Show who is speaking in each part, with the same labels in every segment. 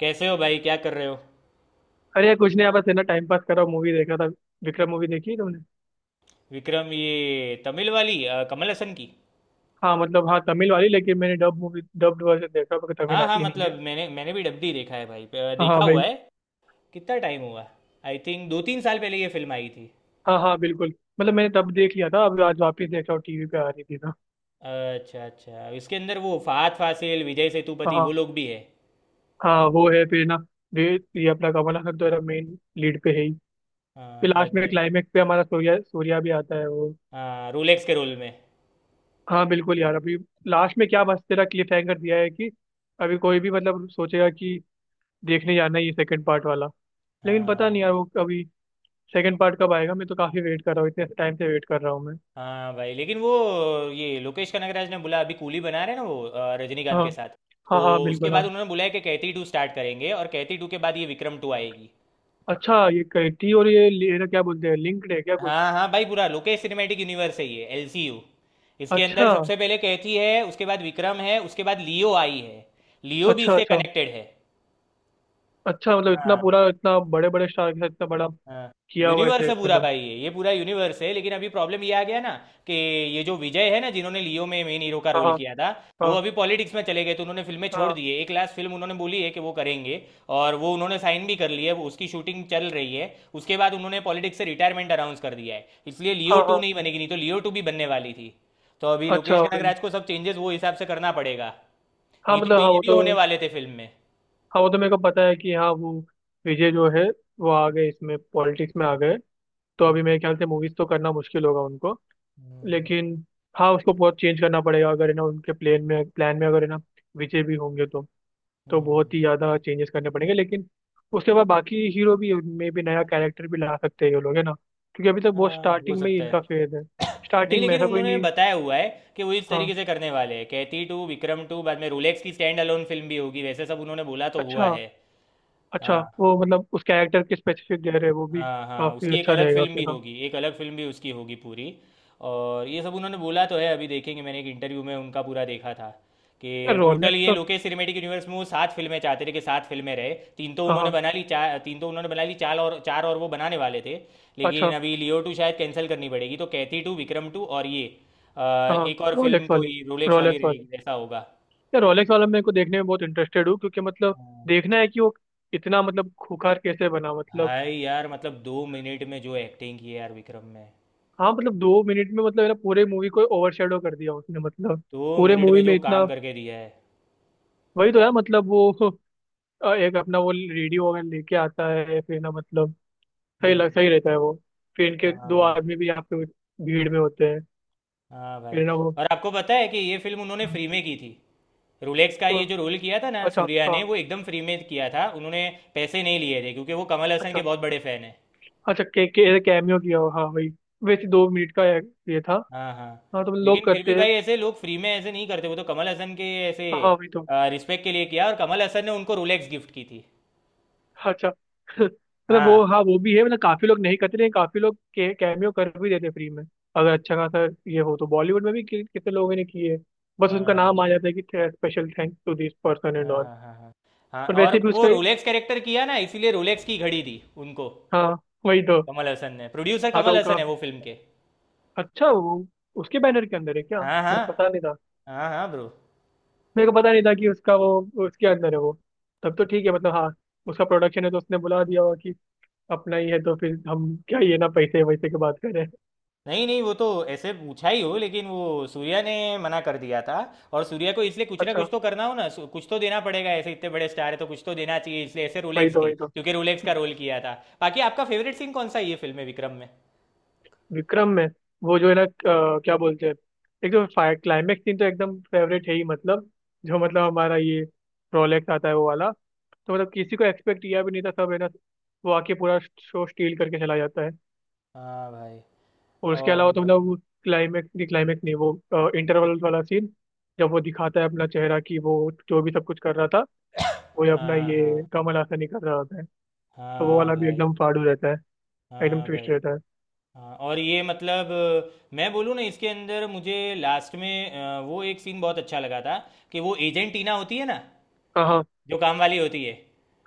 Speaker 1: कैसे हो भाई? क्या कर रहे हो?
Speaker 2: अरे यार, कुछ नहीं यार, बस है ना टाइम पास कर रहा हूँ। मूवी देख रहा था। विक्रम मूवी देखी है तुमने?
Speaker 1: विक्रम, ये तमिल वाली कमल हसन की?
Speaker 2: हाँ मतलब हाँ, तमिल वाली, लेकिन मैंने डब मूवी डब्ड वर्जन देखा क्योंकि तमिल
Speaker 1: हाँ, हाँ,
Speaker 2: आती ही नहीं है।
Speaker 1: मतलब मैंने मैंने भी डबडी देखा है भाई,
Speaker 2: हाँ हाँ,
Speaker 1: देखा हुआ
Speaker 2: भाई।
Speaker 1: है। कितना टाइम हुआ? आई थिंक 2 3 साल पहले ये फिल्म आई थी।
Speaker 2: हाँ हाँ, बिल्कुल। मतलब मैंने तब देख लिया था, अब आज वापस देख रहा हूँ, टीवी पे आ रही थी ना।
Speaker 1: अच्छा, अच्छा, इसके अंदर वो फहाद फासिल, विजय
Speaker 2: हाँ
Speaker 1: सेतुपति वो
Speaker 2: हाँ।
Speaker 1: लोग भी है?
Speaker 2: हाँ, वो है फिर ना। ये अपना कमल हसन तो मेन लीड पे है ही।
Speaker 1: हाँ,
Speaker 2: फिर
Speaker 1: बाद
Speaker 2: लास्ट में
Speaker 1: में।
Speaker 2: क्लाइमेक्स पे हमारा सूर्या, सूर्या भी आता है वो।
Speaker 1: हाँ, रोलेक्स के रोल में।
Speaker 2: हाँ बिल्कुल यार। अभी लास्ट में क्या मस्त तेरा क्लिफ हैंगर दिया है कि अभी कोई भी मतलब सोचेगा कि देखने जाना है ये सेकंड पार्ट वाला। लेकिन पता
Speaker 1: हाँ,
Speaker 2: नहीं यार, वो अभी सेकंड पार्ट कब आएगा। मैं तो काफी वेट कर रहा हूँ, इतने टाइम से वेट कर रहा हूँ मैं।
Speaker 1: हाँ भाई, लेकिन वो, ये लोकेश कनगराज ने बोला अभी कूली बना रहे हैं ना वो, रजनीकांत
Speaker 2: हाँ।
Speaker 1: के साथ।
Speaker 2: हाँ
Speaker 1: तो
Speaker 2: हाँ
Speaker 1: उसके
Speaker 2: बिल्कुल
Speaker 1: बाद
Speaker 2: हाँ।
Speaker 1: उन्होंने बोला है कि कैथी 2 स्टार्ट करेंगे और कैथी 2 के बाद ये विक्रम 2 आएगी।
Speaker 2: अच्छा, ये कैटी और ये लेना, क्या बोलते हैं, लिंक्ड है क्या कुछ?
Speaker 1: हाँ, हाँ भाई, पूरा लोकेश सिनेमैटिक यूनिवर्स है ये, एलसीयू। इसके
Speaker 2: अच्छा
Speaker 1: अंदर सबसे पहले कैथी है, उसके बाद विक्रम है, उसके बाद लियो आई है। लियो भी
Speaker 2: अच्छा।
Speaker 1: इससे
Speaker 2: अच्छा
Speaker 1: कनेक्टेड है।
Speaker 2: अच्छा, मतलब इतना
Speaker 1: हाँ,
Speaker 2: पूरा, इतना बड़े बड़े स्टार के साथ इतना बड़ा
Speaker 1: हाँ,
Speaker 2: किया हुआ है
Speaker 1: यूनिवर्स
Speaker 2: इसे,
Speaker 1: है पूरा
Speaker 2: मतलब।
Speaker 1: भाई, ये पूरा यूनिवर्स है, लेकिन अभी प्रॉब्लम ये आ गया ना कि ये जो विजय है ना, जिन्होंने लियो में मेन हीरो का
Speaker 2: हाँ
Speaker 1: रोल
Speaker 2: हाँ
Speaker 1: किया था, वो
Speaker 2: हाँ
Speaker 1: अभी पॉलिटिक्स में चले गए, तो उन्होंने फिल्में छोड़
Speaker 2: हाँ।
Speaker 1: दी है। एक लास्ट फिल्म उन्होंने बोली है कि वो करेंगे, और वो उन्होंने साइन भी कर ली है, वो उसकी शूटिंग चल रही है। उसके बाद उन्होंने पॉलिटिक्स से रिटायरमेंट अनाउंस कर दिया है, इसलिए लियो
Speaker 2: हाँ।
Speaker 1: टू
Speaker 2: हाँ।
Speaker 1: नहीं बनेगी, नहीं तो लियो 2 भी बनने वाली थी। तो अभी
Speaker 2: अच्छा
Speaker 1: लोकेश
Speaker 2: वही।
Speaker 1: कनगराज को सब चेंजेस वो हिसाब से करना पड़ेगा,
Speaker 2: हाँ
Speaker 1: नहीं तो
Speaker 2: मतलब हाँ,
Speaker 1: ये
Speaker 2: वो
Speaker 1: भी
Speaker 2: तो।
Speaker 1: होने वाले थे फिल्म में।
Speaker 2: हाँ, वो तो मेरे को पता है कि हाँ, वो विजय जो है, वो आ गए, इसमें पॉलिटिक्स में आ गए। तो
Speaker 1: हम्म,
Speaker 2: अभी मेरे ख्याल से मूवीज तो करना मुश्किल होगा उनको।
Speaker 1: हम्म,
Speaker 2: लेकिन। हाँ, उसको बहुत चेंज करना पड़ेगा अगर है ना, उनके प्लेन में, प्लान में अगर है ना विजय भी होंगे तो। तो बहुत
Speaker 1: हम्म।
Speaker 2: ही ज़्यादा चेंजेस करने पड़ेंगे, लेकिन उसके बाद बाकी हीरो भी में भी नया कैरेक्टर भी ला सकते हैं ये लोग, है ना, क्योंकि अभी तक बहुत
Speaker 1: हाँ, हो
Speaker 2: स्टार्टिंग में ही
Speaker 1: सकता है।
Speaker 2: इनका फेज है।
Speaker 1: नहीं,
Speaker 2: स्टार्टिंग में
Speaker 1: लेकिन
Speaker 2: ऐसा कोई
Speaker 1: उन्होंने
Speaker 2: नहीं।
Speaker 1: बताया हुआ है कि वो इस तरीके
Speaker 2: हाँ।
Speaker 1: से करने वाले हैं, कैथी 2 विक्रम 2, बाद में रोलेक्स की स्टैंड अलोन फिल्म भी होगी, वैसे सब उन्होंने बोला तो हुआ
Speaker 2: अच्छा।
Speaker 1: है।
Speaker 2: अच्छा,
Speaker 1: हाँ,
Speaker 2: वो मतलब उस कैरेक्टर के स्पेसिफिक दे रहे हैं वो भी।
Speaker 1: हाँ, हाँ,
Speaker 2: काफ़ी
Speaker 1: उसकी एक
Speaker 2: अच्छा
Speaker 1: अलग
Speaker 2: रहेगा
Speaker 1: फिल्म भी
Speaker 2: फिर, हाँ।
Speaker 1: होगी, एक अलग फिल्म भी उसकी होगी पूरी। और ये सब उन्होंने बोला तो है, अभी देखेंगे। मैंने एक इंटरव्यू में उनका पूरा देखा था,
Speaker 2: यार
Speaker 1: कि टोटल
Speaker 2: रोलेक्स
Speaker 1: ये
Speaker 2: का।
Speaker 1: लोकेश सिनेमेटिक यूनिवर्स में वो सात फिल्में चाहते थे, कि सात फिल्में रहे,
Speaker 2: हाँ हाँ।
Speaker 1: तीन तो उन्होंने बना ली चार और वो बनाने वाले थे। लेकिन
Speaker 2: अच्छा।
Speaker 1: अभी लियो 2 शायद कैंसिल करनी पड़ेगी, तो कैथी 2, विक्रम 2 और ये अ,
Speaker 2: हाँ,
Speaker 1: एक और फिल्म,
Speaker 2: रोलेक्स वाली।
Speaker 1: कोई रोलेक्स वाली
Speaker 2: रोलेक्स वाली।
Speaker 1: रहेगी, ऐसा होगा।
Speaker 2: यार रोलेक्स वाला मेरे को देखने में बहुत इंटरेस्टेड हूँ, क्योंकि मतलब
Speaker 1: हाँ।
Speaker 2: देखना है कि वो इतना मतलब खूंखार कैसे बना, मतलब।
Speaker 1: भाई यार मतलब 2 मिनट में जो एक्टिंग की है यार विक्रम में,
Speaker 2: हाँ मतलब, 2 मिनट में, मतलब है ना, पूरे मूवी को ओवरशैडो कर दिया उसने, मतलब।
Speaker 1: दो
Speaker 2: पूरे
Speaker 1: मिनट में
Speaker 2: मूवी में
Speaker 1: जो
Speaker 2: इतना।
Speaker 1: काम करके दिया है।
Speaker 2: वही तो यार, मतलब वो एक अपना वो रेडियो वगैरह लेके आता है फिर ना, मतलब।
Speaker 1: हुँ,
Speaker 2: सही रहता है वो। फिर इनके
Speaker 1: हाँ
Speaker 2: दो
Speaker 1: भाई,
Speaker 2: आदमी भी यहाँ पे भीड़ में होते हैं,
Speaker 1: हाँ भाई।
Speaker 2: फिर ना वो।
Speaker 1: और आपको पता है कि ये फ़िल्म उन्होंने
Speaker 2: हम्म।
Speaker 1: फ्री में की थी। रोलेक्स का
Speaker 2: तो,
Speaker 1: ये जो रोल किया था ना
Speaker 2: अच्छा।
Speaker 1: सूर्या ने,
Speaker 2: हाँ।
Speaker 1: वो एकदम फ्री में किया था। उन्होंने पैसे नहीं लिए थे, क्योंकि वो कमल हसन
Speaker 2: अच्छा
Speaker 1: के बहुत बड़े फ़ैन हैं।
Speaker 2: अच्छा, कैमियो किया हो, हाँ वही। वैसे 2 मिनट का ये था।
Speaker 1: हाँ, हाँ।
Speaker 2: हाँ, तो लोग
Speaker 1: लेकिन फिर भी
Speaker 2: करते हैं।
Speaker 1: भाई ऐसे लोग फ्री में ऐसे नहीं करते। वो तो कमल हसन के ऐसे
Speaker 2: हाँ हाँ, वही तो।
Speaker 1: रिस्पेक्ट के लिए किया, और कमल हसन ने उनको रोलेक्स गिफ्ट की थी।
Speaker 2: अच्छा मतलब
Speaker 1: हाँ,
Speaker 2: वो हाँ, वो भी है, मतलब काफी लोग नहीं करते, लेकिन काफी लोग कैमियो कर भी देते फ्री में। अगर अच्छा खासा ये हो तो बॉलीवुड में भी कितने लोगों ने किए। बस
Speaker 1: हाँ
Speaker 2: उनका
Speaker 1: भाई।
Speaker 2: नाम आ जाता है कि special thanks to this person and
Speaker 1: हाँ,
Speaker 2: ऑल।
Speaker 1: हाँ, हाँ, हाँ। हाँ,
Speaker 2: पर
Speaker 1: और
Speaker 2: वैसे भी
Speaker 1: वो
Speaker 2: उसका।
Speaker 1: रोलेक्स कैरेक्टर किया ना, इसीलिए रोलेक्स की घड़ी दी उनको
Speaker 2: हाँ, वही तो।
Speaker 1: कमल हसन ने। प्रोड्यूसर
Speaker 2: हाँ तो
Speaker 1: कमल
Speaker 2: का।
Speaker 1: हसन है वो फ़िल्म के।
Speaker 2: अच्छा, वो उसके बैनर के अंदर है क्या?
Speaker 1: हाँ, हाँ।
Speaker 2: मेरे को पता नहीं था।
Speaker 1: हाँ, हाँ ब्रो।
Speaker 2: मेरे को पता नहीं था कि उसका वो उसके अंदर है वो। तब तो ठीक है, मतलब हाँ, उसका प्रोडक्शन है, तो उसने बुला दिया होगा कि अपना ही है, तो फिर हम क्या ये ना पैसे वैसे की बात करें
Speaker 1: नहीं, नहीं, वो तो ऐसे पूछा ही हो, लेकिन वो सूर्या ने मना कर दिया था। और सूर्या को इसलिए कुछ ना
Speaker 2: अच्छा
Speaker 1: कुछ तो करना हो ना, कुछ तो देना पड़ेगा, ऐसे इतने बड़े स्टार है तो कुछ तो देना चाहिए, इसलिए ऐसे
Speaker 2: वही
Speaker 1: रोलेक्स
Speaker 2: तो,
Speaker 1: दी,
Speaker 2: वही तो।
Speaker 1: क्योंकि रोलेक्स का रोल किया था। बाकी आपका फेवरेट सीन कौन सा है ये फिल्म में, विक्रम में?
Speaker 2: विक्रम में। वो जो है ना, क्या बोलते हैं? एक तो फायर क्लाइमेक्स सीन तो एकदम फेवरेट है ही, मतलब जो मतलब हमारा ये रोलेक्स आता है, वो वाला। तो मतलब किसी को एक्सपेक्ट किया भी नहीं था सब, है ना। वो आके पूरा शो स्टील करके चला जाता है।
Speaker 1: हाँ भाई।
Speaker 2: और उसके अलावा तो
Speaker 1: और
Speaker 2: मतलब, वो क्लाइमेक्स नहीं, क्लाइमेक्स नहीं, वो इंटरवल वाला सीन, जब वो दिखाता है अपना चेहरा कि वो जो भी सब कुछ कर रहा था, वो ये अपना
Speaker 1: हाँ,
Speaker 2: ये
Speaker 1: हाँ।
Speaker 2: कमल हासन ही कर रहा होता है। तो वो
Speaker 1: हाँ
Speaker 2: वाला भी
Speaker 1: भाई।
Speaker 2: एकदम फाड़ू रहता है। एकदम
Speaker 1: हाँ
Speaker 2: ट्विस्ट
Speaker 1: भाई।
Speaker 2: रहता है।
Speaker 1: हाँ, और ये मतलब मैं बोलूँ ना, इसके अंदर मुझे लास्ट में वो एक सीन बहुत अच्छा लगा था, कि वो एजेंट टीना होती है ना,
Speaker 2: हाँ हाँ
Speaker 1: जो काम वाली होती है।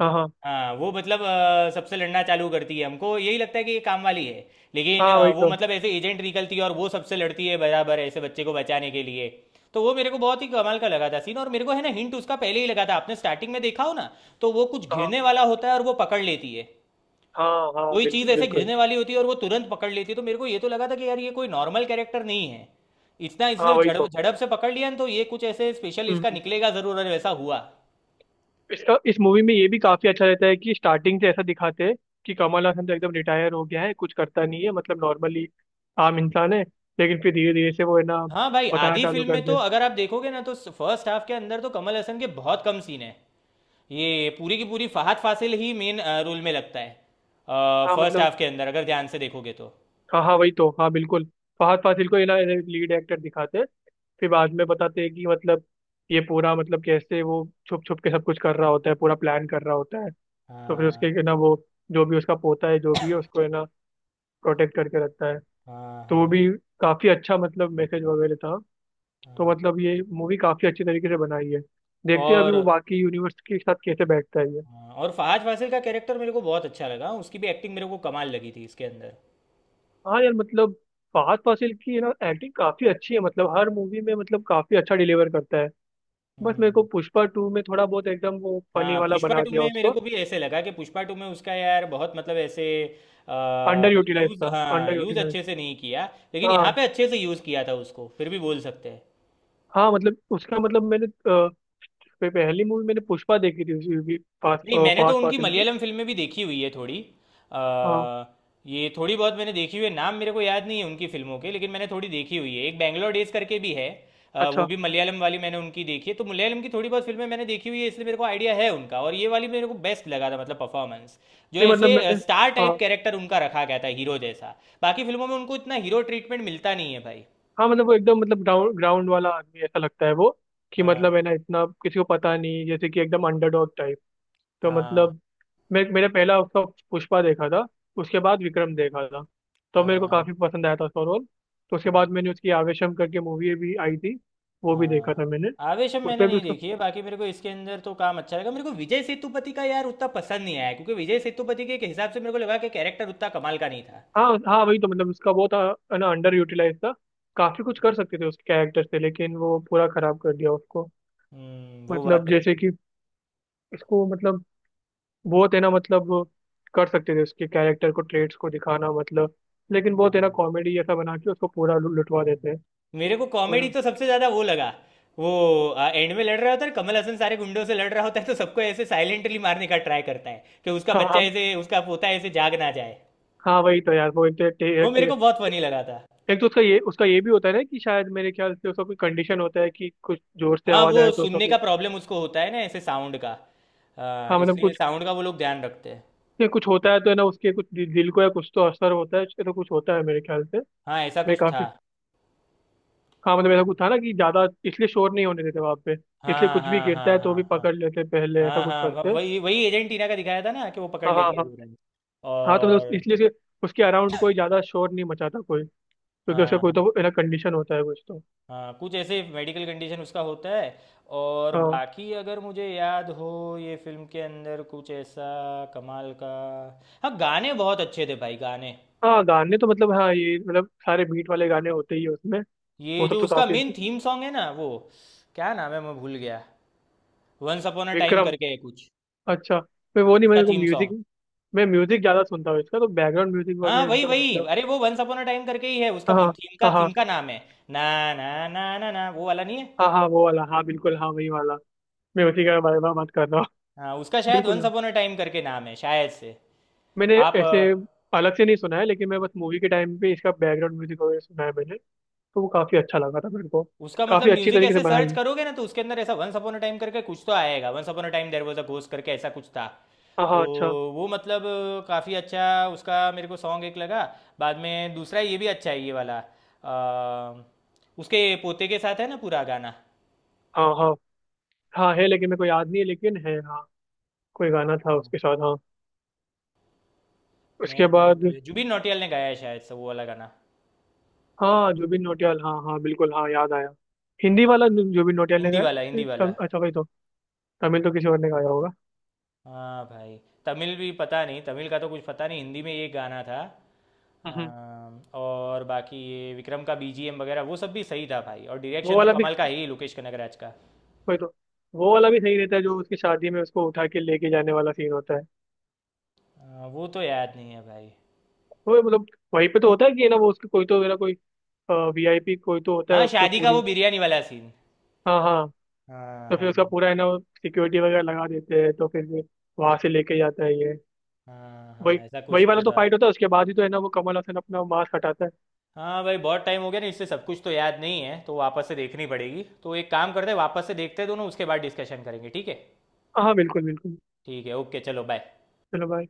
Speaker 2: हाँ। हाँ।
Speaker 1: हाँ, वो मतलब सबसे लड़ना चालू करती है, हमको यही लगता है कि ये काम वाली है, लेकिन
Speaker 2: हाँ। वही
Speaker 1: वो
Speaker 2: तो।
Speaker 1: मतलब ऐसे एजेंट निकलती है, और वो सबसे लड़ती है बराबर, ऐसे बच्चे को बचाने के लिए। तो वो मेरे को बहुत ही कमाल का लगा था सीन, और मेरे को है ना हिंट उसका पहले ही लगा था। आपने स्टार्टिंग में देखा हो ना, तो वो कुछ
Speaker 2: हाँ
Speaker 1: घिरने वाला होता है और वो पकड़ लेती है।
Speaker 2: हाँ हाँ,
Speaker 1: कोई चीज़
Speaker 2: बिल्कुल
Speaker 1: ऐसे
Speaker 2: बिल्कुल।
Speaker 1: घिरने वाली होती है और वो तुरंत पकड़ लेती है। तो मेरे को ये तो लगा था कि यार, ये कोई नॉर्मल कैरेक्टर नहीं है, इतना
Speaker 2: हाँ
Speaker 1: इसने
Speaker 2: वही
Speaker 1: झड़प
Speaker 2: तो।
Speaker 1: झड़प से पकड़ लिया ना, तो ये कुछ ऐसे स्पेशल
Speaker 2: हम्म
Speaker 1: इसका
Speaker 2: हम्म,
Speaker 1: निकलेगा ज़रूर, और वैसा हुआ।
Speaker 2: इसका, इस मूवी में ये भी काफी अच्छा रहता है कि स्टार्टिंग से ऐसा दिखाते हैं कि कमल हासन तो एकदम रिटायर हो गया है, कुछ करता नहीं है, मतलब नॉर्मली आम इंसान है। लेकिन फिर धीरे धीरे से वो, है ना,
Speaker 1: हाँ भाई,
Speaker 2: बताना
Speaker 1: आधी
Speaker 2: चालू
Speaker 1: फिल्म
Speaker 2: कर
Speaker 1: में तो
Speaker 2: दे।
Speaker 1: अगर आप देखोगे ना, तो फर्स्ट हाफ के अंदर तो कमल हसन के बहुत कम सीन है, ये पूरी की पूरी फहाद फासिल ही मेन रोल में लगता है,
Speaker 2: हाँ
Speaker 1: फर्स्ट
Speaker 2: मतलब
Speaker 1: हाफ के अंदर, अगर ध्यान से देखोगे तो।
Speaker 2: हाँ, हाँ वही तो। हाँ बिल्कुल, फहद फासिल को है ना लीड एक्टर दिखाते हैं, फिर बाद में बताते हैं कि मतलब ये पूरा मतलब कैसे वो छुप छुप के सब कुछ कर रहा होता है, पूरा प्लान कर रहा होता है। तो फिर उसके
Speaker 1: हाँ,
Speaker 2: है ना वो, जो भी उसका पोता है, जो भी है उसको है ना प्रोटेक्ट करके रखता है।
Speaker 1: हाँ,
Speaker 2: तो वो
Speaker 1: हाँ।
Speaker 2: भी काफी अच्छा मतलब मैसेज वगैरह था। तो मतलब ये मूवी काफी अच्छी तरीके से बनाई है। देखते हैं अभी वो
Speaker 1: और
Speaker 2: बाकी यूनिवर्स के साथ कैसे बैठता है ये।
Speaker 1: हाँ, और फहाद फासिल का कैरेक्टर मेरे को बहुत अच्छा लगा, उसकी भी एक्टिंग मेरे को कमाल लगी थी इसके अंदर।
Speaker 2: हाँ यार, मतलब फहद फासिल की है ना एक्टिंग काफी अच्छी है, मतलब हर मूवी में मतलब काफी अच्छा डिलीवर करता है। बस मेरे को
Speaker 1: हम्म।
Speaker 2: पुष्पा टू में थोड़ा बहुत एकदम वो फनी
Speaker 1: हाँ,
Speaker 2: वाला
Speaker 1: पुष्पा
Speaker 2: बना
Speaker 1: टू
Speaker 2: दिया
Speaker 1: में मेरे
Speaker 2: उसको।
Speaker 1: को भी ऐसे लगा कि पुष्पा 2 में उसका यार बहुत मतलब ऐसे आ,
Speaker 2: अंडर यूटिलाइज
Speaker 1: यूज,
Speaker 2: था।
Speaker 1: हाँ
Speaker 2: अंडर
Speaker 1: यूज
Speaker 2: यूटिलाइज।
Speaker 1: अच्छे से नहीं किया। लेकिन यहाँ
Speaker 2: हाँ
Speaker 1: पे अच्छे से यूज किया था उसको, फिर भी बोल सकते हैं।
Speaker 2: हाँ, मतलब उसका, मतलब मैंने पहली मूवी मैंने पुष्पा देखी थी उसी। फहद
Speaker 1: नहीं, मैंने
Speaker 2: फहद
Speaker 1: तो उनकी
Speaker 2: फासिल की।
Speaker 1: मलयालम फिल्में भी देखी हुई है थोड़ी, अ,
Speaker 2: हाँ।
Speaker 1: ये थोड़ी बहुत मैंने देखी हुई है, नाम मेरे को याद नहीं है उनकी फिल्मों के, लेकिन मैंने थोड़ी देखी हुई है, एक बैंगलोर डेज करके भी है, वो
Speaker 2: अच्छा।
Speaker 1: भी मलयालम वाली मैंने उनकी देखी है, तो मलयालम की थोड़ी बहुत फिल्में मैंने देखी हुई है, इसलिए मेरे को आइडिया है उनका, और ये वाली मेरे को बेस्ट लगा था मतलब परफॉर्मेंस, जो
Speaker 2: नहीं
Speaker 1: ऐसे
Speaker 2: मतलब मैंने।
Speaker 1: स्टार टाइप
Speaker 2: हाँ।
Speaker 1: कैरेक्टर उनका रखा गया था, हीरो जैसा। बाकी फिल्मों में उनको इतना हीरो ट्रीटमेंट मिलता नहीं है भाई।
Speaker 2: हाँ मतलब, वो एकदम मतलब ग्राउंड ग्राउंड वाला आदमी ऐसा लगता है वो, कि
Speaker 1: हाँ,
Speaker 2: मतलब है ना इतना किसी को पता नहीं, जैसे कि एकदम अंडरडॉग टाइप। तो
Speaker 1: हाँ,
Speaker 2: मतलब मैं, मेरा पहला उसका पुष्पा देखा था। उसके बाद विक्रम देखा था। तो मेरे को
Speaker 1: हाँ, हाँ,
Speaker 2: काफी पसंद आया था उसका रोल। तो उसके बाद
Speaker 1: हाँ।
Speaker 2: मैंने उसकी आवेशम करके मूवी भी आई थी। वो भी देखा
Speaker 1: हाँ।
Speaker 2: था मैंने।
Speaker 1: आवेशम मैंने
Speaker 2: उसमें भी
Speaker 1: नहीं
Speaker 2: उसका।
Speaker 1: देखी है, बाकी मेरे को इसके अंदर तो काम अच्छा लगा, मेरे को विजय सेतुपति का यार उतना पसंद नहीं आया, क्योंकि विजय सेतुपति के हिसाब से मेरे को लगा कि कैरेक्टर उतना कमाल का नहीं था।
Speaker 2: हाँ हाँ वही तो, मतलब उसका वो था, है ना, अंडर यूटिलाइज था। काफी कुछ कर सकते थे उसके कैरेक्टर से, लेकिन वो पूरा खराब कर दिया उसको।
Speaker 1: वो बात
Speaker 2: मतलब
Speaker 1: तो
Speaker 2: जैसे
Speaker 1: है।
Speaker 2: कि, इसको मतलब बहुत, है ना, मतलब कर सकते थे उसके कैरेक्टर को, ट्रेड्स को दिखाना, मतलब। लेकिन बहुत है
Speaker 1: हाँ,
Speaker 2: ना कॉमेडी जैसा बना के उसको पूरा लुटवा देते हैं।
Speaker 1: हम्म। मेरे को
Speaker 2: तो
Speaker 1: कॉमेडी
Speaker 2: यार-।
Speaker 1: तो सबसे ज्यादा वो लगा, वो एंड में लड़ रहा होता है, कमल हसन सारे गुंडों से लड़ रहा होता है, तो सबको ऐसे साइलेंटली मारने का ट्राई करता है, कि उसका बच्चा
Speaker 2: हाँ
Speaker 1: ऐसे, उसका पोता ऐसे जाग ना जाए।
Speaker 2: हाँ वही तो यार, वो एक तो
Speaker 1: वो मेरे
Speaker 2: एक,
Speaker 1: को बहुत फनी लगा था।
Speaker 2: एक तो उसका ये, उसका ये भी होता है ना कि शायद मेरे ख्याल से उसका कोई कंडीशन होता है कि कुछ जोर से
Speaker 1: हाँ,
Speaker 2: आवाज
Speaker 1: वो
Speaker 2: आए तो उसका
Speaker 1: सुनने का
Speaker 2: कुछ।
Speaker 1: प्रॉब्लम उसको होता है ना, ऐसे साउंड का। हाँ,
Speaker 2: हाँ मतलब
Speaker 1: इसलिए
Speaker 2: कुछ,
Speaker 1: साउंड का वो लोग ध्यान रखते हैं।
Speaker 2: ये कुछ होता है तो है ना उसके कुछ दिल को या कुछ तो असर होता है, ऐसा कुछ होता है मेरे ख्याल से।
Speaker 1: हाँ, ऐसा
Speaker 2: मैं
Speaker 1: कुछ था।
Speaker 2: काफी। हाँ मतलब ऐसा कुछ था ना कि ज्यादा इसलिए शोर नहीं होने देते वहां पे। इसलिए
Speaker 1: हाँ,
Speaker 2: कुछ भी
Speaker 1: हाँ,
Speaker 2: गिरता
Speaker 1: हाँ,
Speaker 2: है तो भी
Speaker 1: हाँ।
Speaker 2: पकड़ लेते पहले, ऐसा
Speaker 1: हाँ,
Speaker 2: कुछ
Speaker 1: हाँ, हाँ, व-
Speaker 2: करते।
Speaker 1: वही वही एजेंटीना का दिखाया था ना, कि वो पकड़
Speaker 2: हाँ हाँ
Speaker 1: लेती है
Speaker 2: हाँ
Speaker 1: तुरंत।
Speaker 2: हाँ। तो मतलब
Speaker 1: और
Speaker 2: इसलिए उसके अराउंड कोई ज्यादा शोर नहीं मचाता कोई। क्योंकि उसका
Speaker 1: हाँ,
Speaker 2: कोई
Speaker 1: हाँ,
Speaker 2: तो ना कंडीशन होता है कुछ तो।
Speaker 1: हाँ, कुछ ऐसे मेडिकल कंडीशन उसका होता है। और
Speaker 2: हाँ।
Speaker 1: बाकी अगर मुझे याद हो, ये फिल्म के अंदर कुछ ऐसा कमाल का। हाँ, गाने बहुत अच्छे थे भाई, गाने,
Speaker 2: हाँ, गाने तो मतलब हाँ, ये मतलब सारे बीट वाले गाने होते ही हैं उसमें।
Speaker 1: ये
Speaker 2: वो सब
Speaker 1: जो
Speaker 2: तो
Speaker 1: उसका
Speaker 2: काफी।
Speaker 1: मेन थीम सॉन्ग है ना वो, क्या नाम है, मैं भूल गया। Once upon a time
Speaker 2: Vikram.
Speaker 1: करके है कुछ,
Speaker 2: अच्छा। मैं वो नहीं,
Speaker 1: उसका
Speaker 2: मेरे को
Speaker 1: थीम
Speaker 2: म्यूजिक,
Speaker 1: सॉन्ग।
Speaker 2: मैं म्यूजिक ज्यादा सुनता हूँ, इसका तो बैकग्राउंड म्यूजिक
Speaker 1: हाँ,
Speaker 2: वगैरह
Speaker 1: वही
Speaker 2: एकदम
Speaker 1: वही
Speaker 2: मतलब।
Speaker 1: अरे, वो वंस अपॉन अ टाइम करके ही है, उसका
Speaker 2: हाँ।
Speaker 1: थीम का
Speaker 2: हाँ हाँ।
Speaker 1: थीम का नाम है ना। ना, ना, ना, ना, वो वाला नहीं है।
Speaker 2: हाँ हाँ, वो वाला हाँ, बिल्कुल हाँ, वही वाला। मैं उसी का बारे में बात कर रहा हूँ
Speaker 1: हाँ, उसका शायद
Speaker 2: बिल्कुल
Speaker 1: वंस
Speaker 2: हाँ।
Speaker 1: अपॉन अ टाइम करके नाम है शायद से।
Speaker 2: मैंने
Speaker 1: आप,
Speaker 2: ऐसे अलग से नहीं सुना है, लेकिन मैं बस मूवी के टाइम पे इसका बैकग्राउंड म्यूजिक वगैरह सुना है मैंने। तो वो काफी अच्छा लगा था मेरे को।
Speaker 1: उसका मतलब
Speaker 2: काफी अच्छी
Speaker 1: म्यूजिक
Speaker 2: तरीके से
Speaker 1: ऐसे
Speaker 2: बनाई
Speaker 1: सर्च
Speaker 2: है।
Speaker 1: करोगे ना, तो उसके अंदर ऐसा वंस अपॉन अ टाइम करके कुछ तो आएगा, once upon a time there was a ghost करके ऐसा कुछ था।
Speaker 2: हाँ
Speaker 1: तो
Speaker 2: हाँ, अच्छा।
Speaker 1: वो मतलब काफी अच्छा उसका मेरे को सॉन्ग एक लगा। बाद में दूसरा ये भी अच्छा है ये वाला, अ, उसके पोते के साथ है ना पूरा गाना।
Speaker 2: हाँ। हाँ हाँ है, लेकिन मेरे को याद नहीं है, लेकिन है हाँ। कोई गाना था
Speaker 1: हाँ,
Speaker 2: उसके साथ, हाँ।
Speaker 1: मैं
Speaker 2: उसके
Speaker 1: नाम
Speaker 2: बाद।
Speaker 1: जुबिन नौटियाल ने गाया है शायद से वो वाला गाना।
Speaker 2: हाँ, जुबिन नौटियाल, हाँ हाँ बिल्कुल हाँ, याद आया। हिंदी वाला जुबिन नौटियाल ने
Speaker 1: हिंदी
Speaker 2: गाया।
Speaker 1: वाला, हिंदी
Speaker 2: फिर
Speaker 1: वाला।
Speaker 2: अच्छा, वही तो। तमिल तो
Speaker 1: हाँ,
Speaker 2: किसी और ने गाया होगा।
Speaker 1: हाँ भाई। तमिल भी पता नहीं, तमिल का तो कुछ पता नहीं, हिंदी में ये गाना था।
Speaker 2: हम्म।
Speaker 1: और बाकी ये विक्रम का बीजीएम वगैरह वो सब भी सही था भाई, और
Speaker 2: वो
Speaker 1: डायरेक्शन तो
Speaker 2: वाला भी।
Speaker 1: कमाल का है ही लोकेश कनगराज का।
Speaker 2: वही तो। वो वाला भी सही रहता है, जो उसकी शादी में उसको उठा के लेके जाने वाला सीन होता है।
Speaker 1: वो तो याद नहीं है भाई।
Speaker 2: वो मतलब वहीं पे तो होता है कि है ना, वो उसके कोई तो है ना, कोई वीआईपी कोई तो होता है
Speaker 1: हाँ,
Speaker 2: उसके
Speaker 1: शादी का
Speaker 2: पूरी।
Speaker 1: वो बिरयानी वाला सीन।
Speaker 2: हाँ हाँ।
Speaker 1: हाँ,
Speaker 2: तो फिर
Speaker 1: हाँ,
Speaker 2: उसका पूरा है ना, वो सिक्योरिटी वगैरह लगा देते हैं, तो फिर भी वहां से लेके जाता है ये।
Speaker 1: हाँ,
Speaker 2: वही।
Speaker 1: हाँ, ऐसा कुछ
Speaker 2: वही वाला
Speaker 1: तो
Speaker 2: तो
Speaker 1: था।
Speaker 2: फाइट होता है, उसके बाद ही तो है ना वो कमल हसन अपना मास्क हटाता है।
Speaker 1: हाँ भाई, बहुत टाइम हो गया ना, इससे सब कुछ तो याद नहीं है, तो वापस से देखनी पड़ेगी। तो एक काम करते हैं, वापस से देखते हैं दोनों, उसके बाद डिस्कशन करेंगे, ठीक है?
Speaker 2: हाँ हाँ, बिल्कुल बिल्कुल।
Speaker 1: ठीक है, ओके, चलो बाय।
Speaker 2: चलो bye।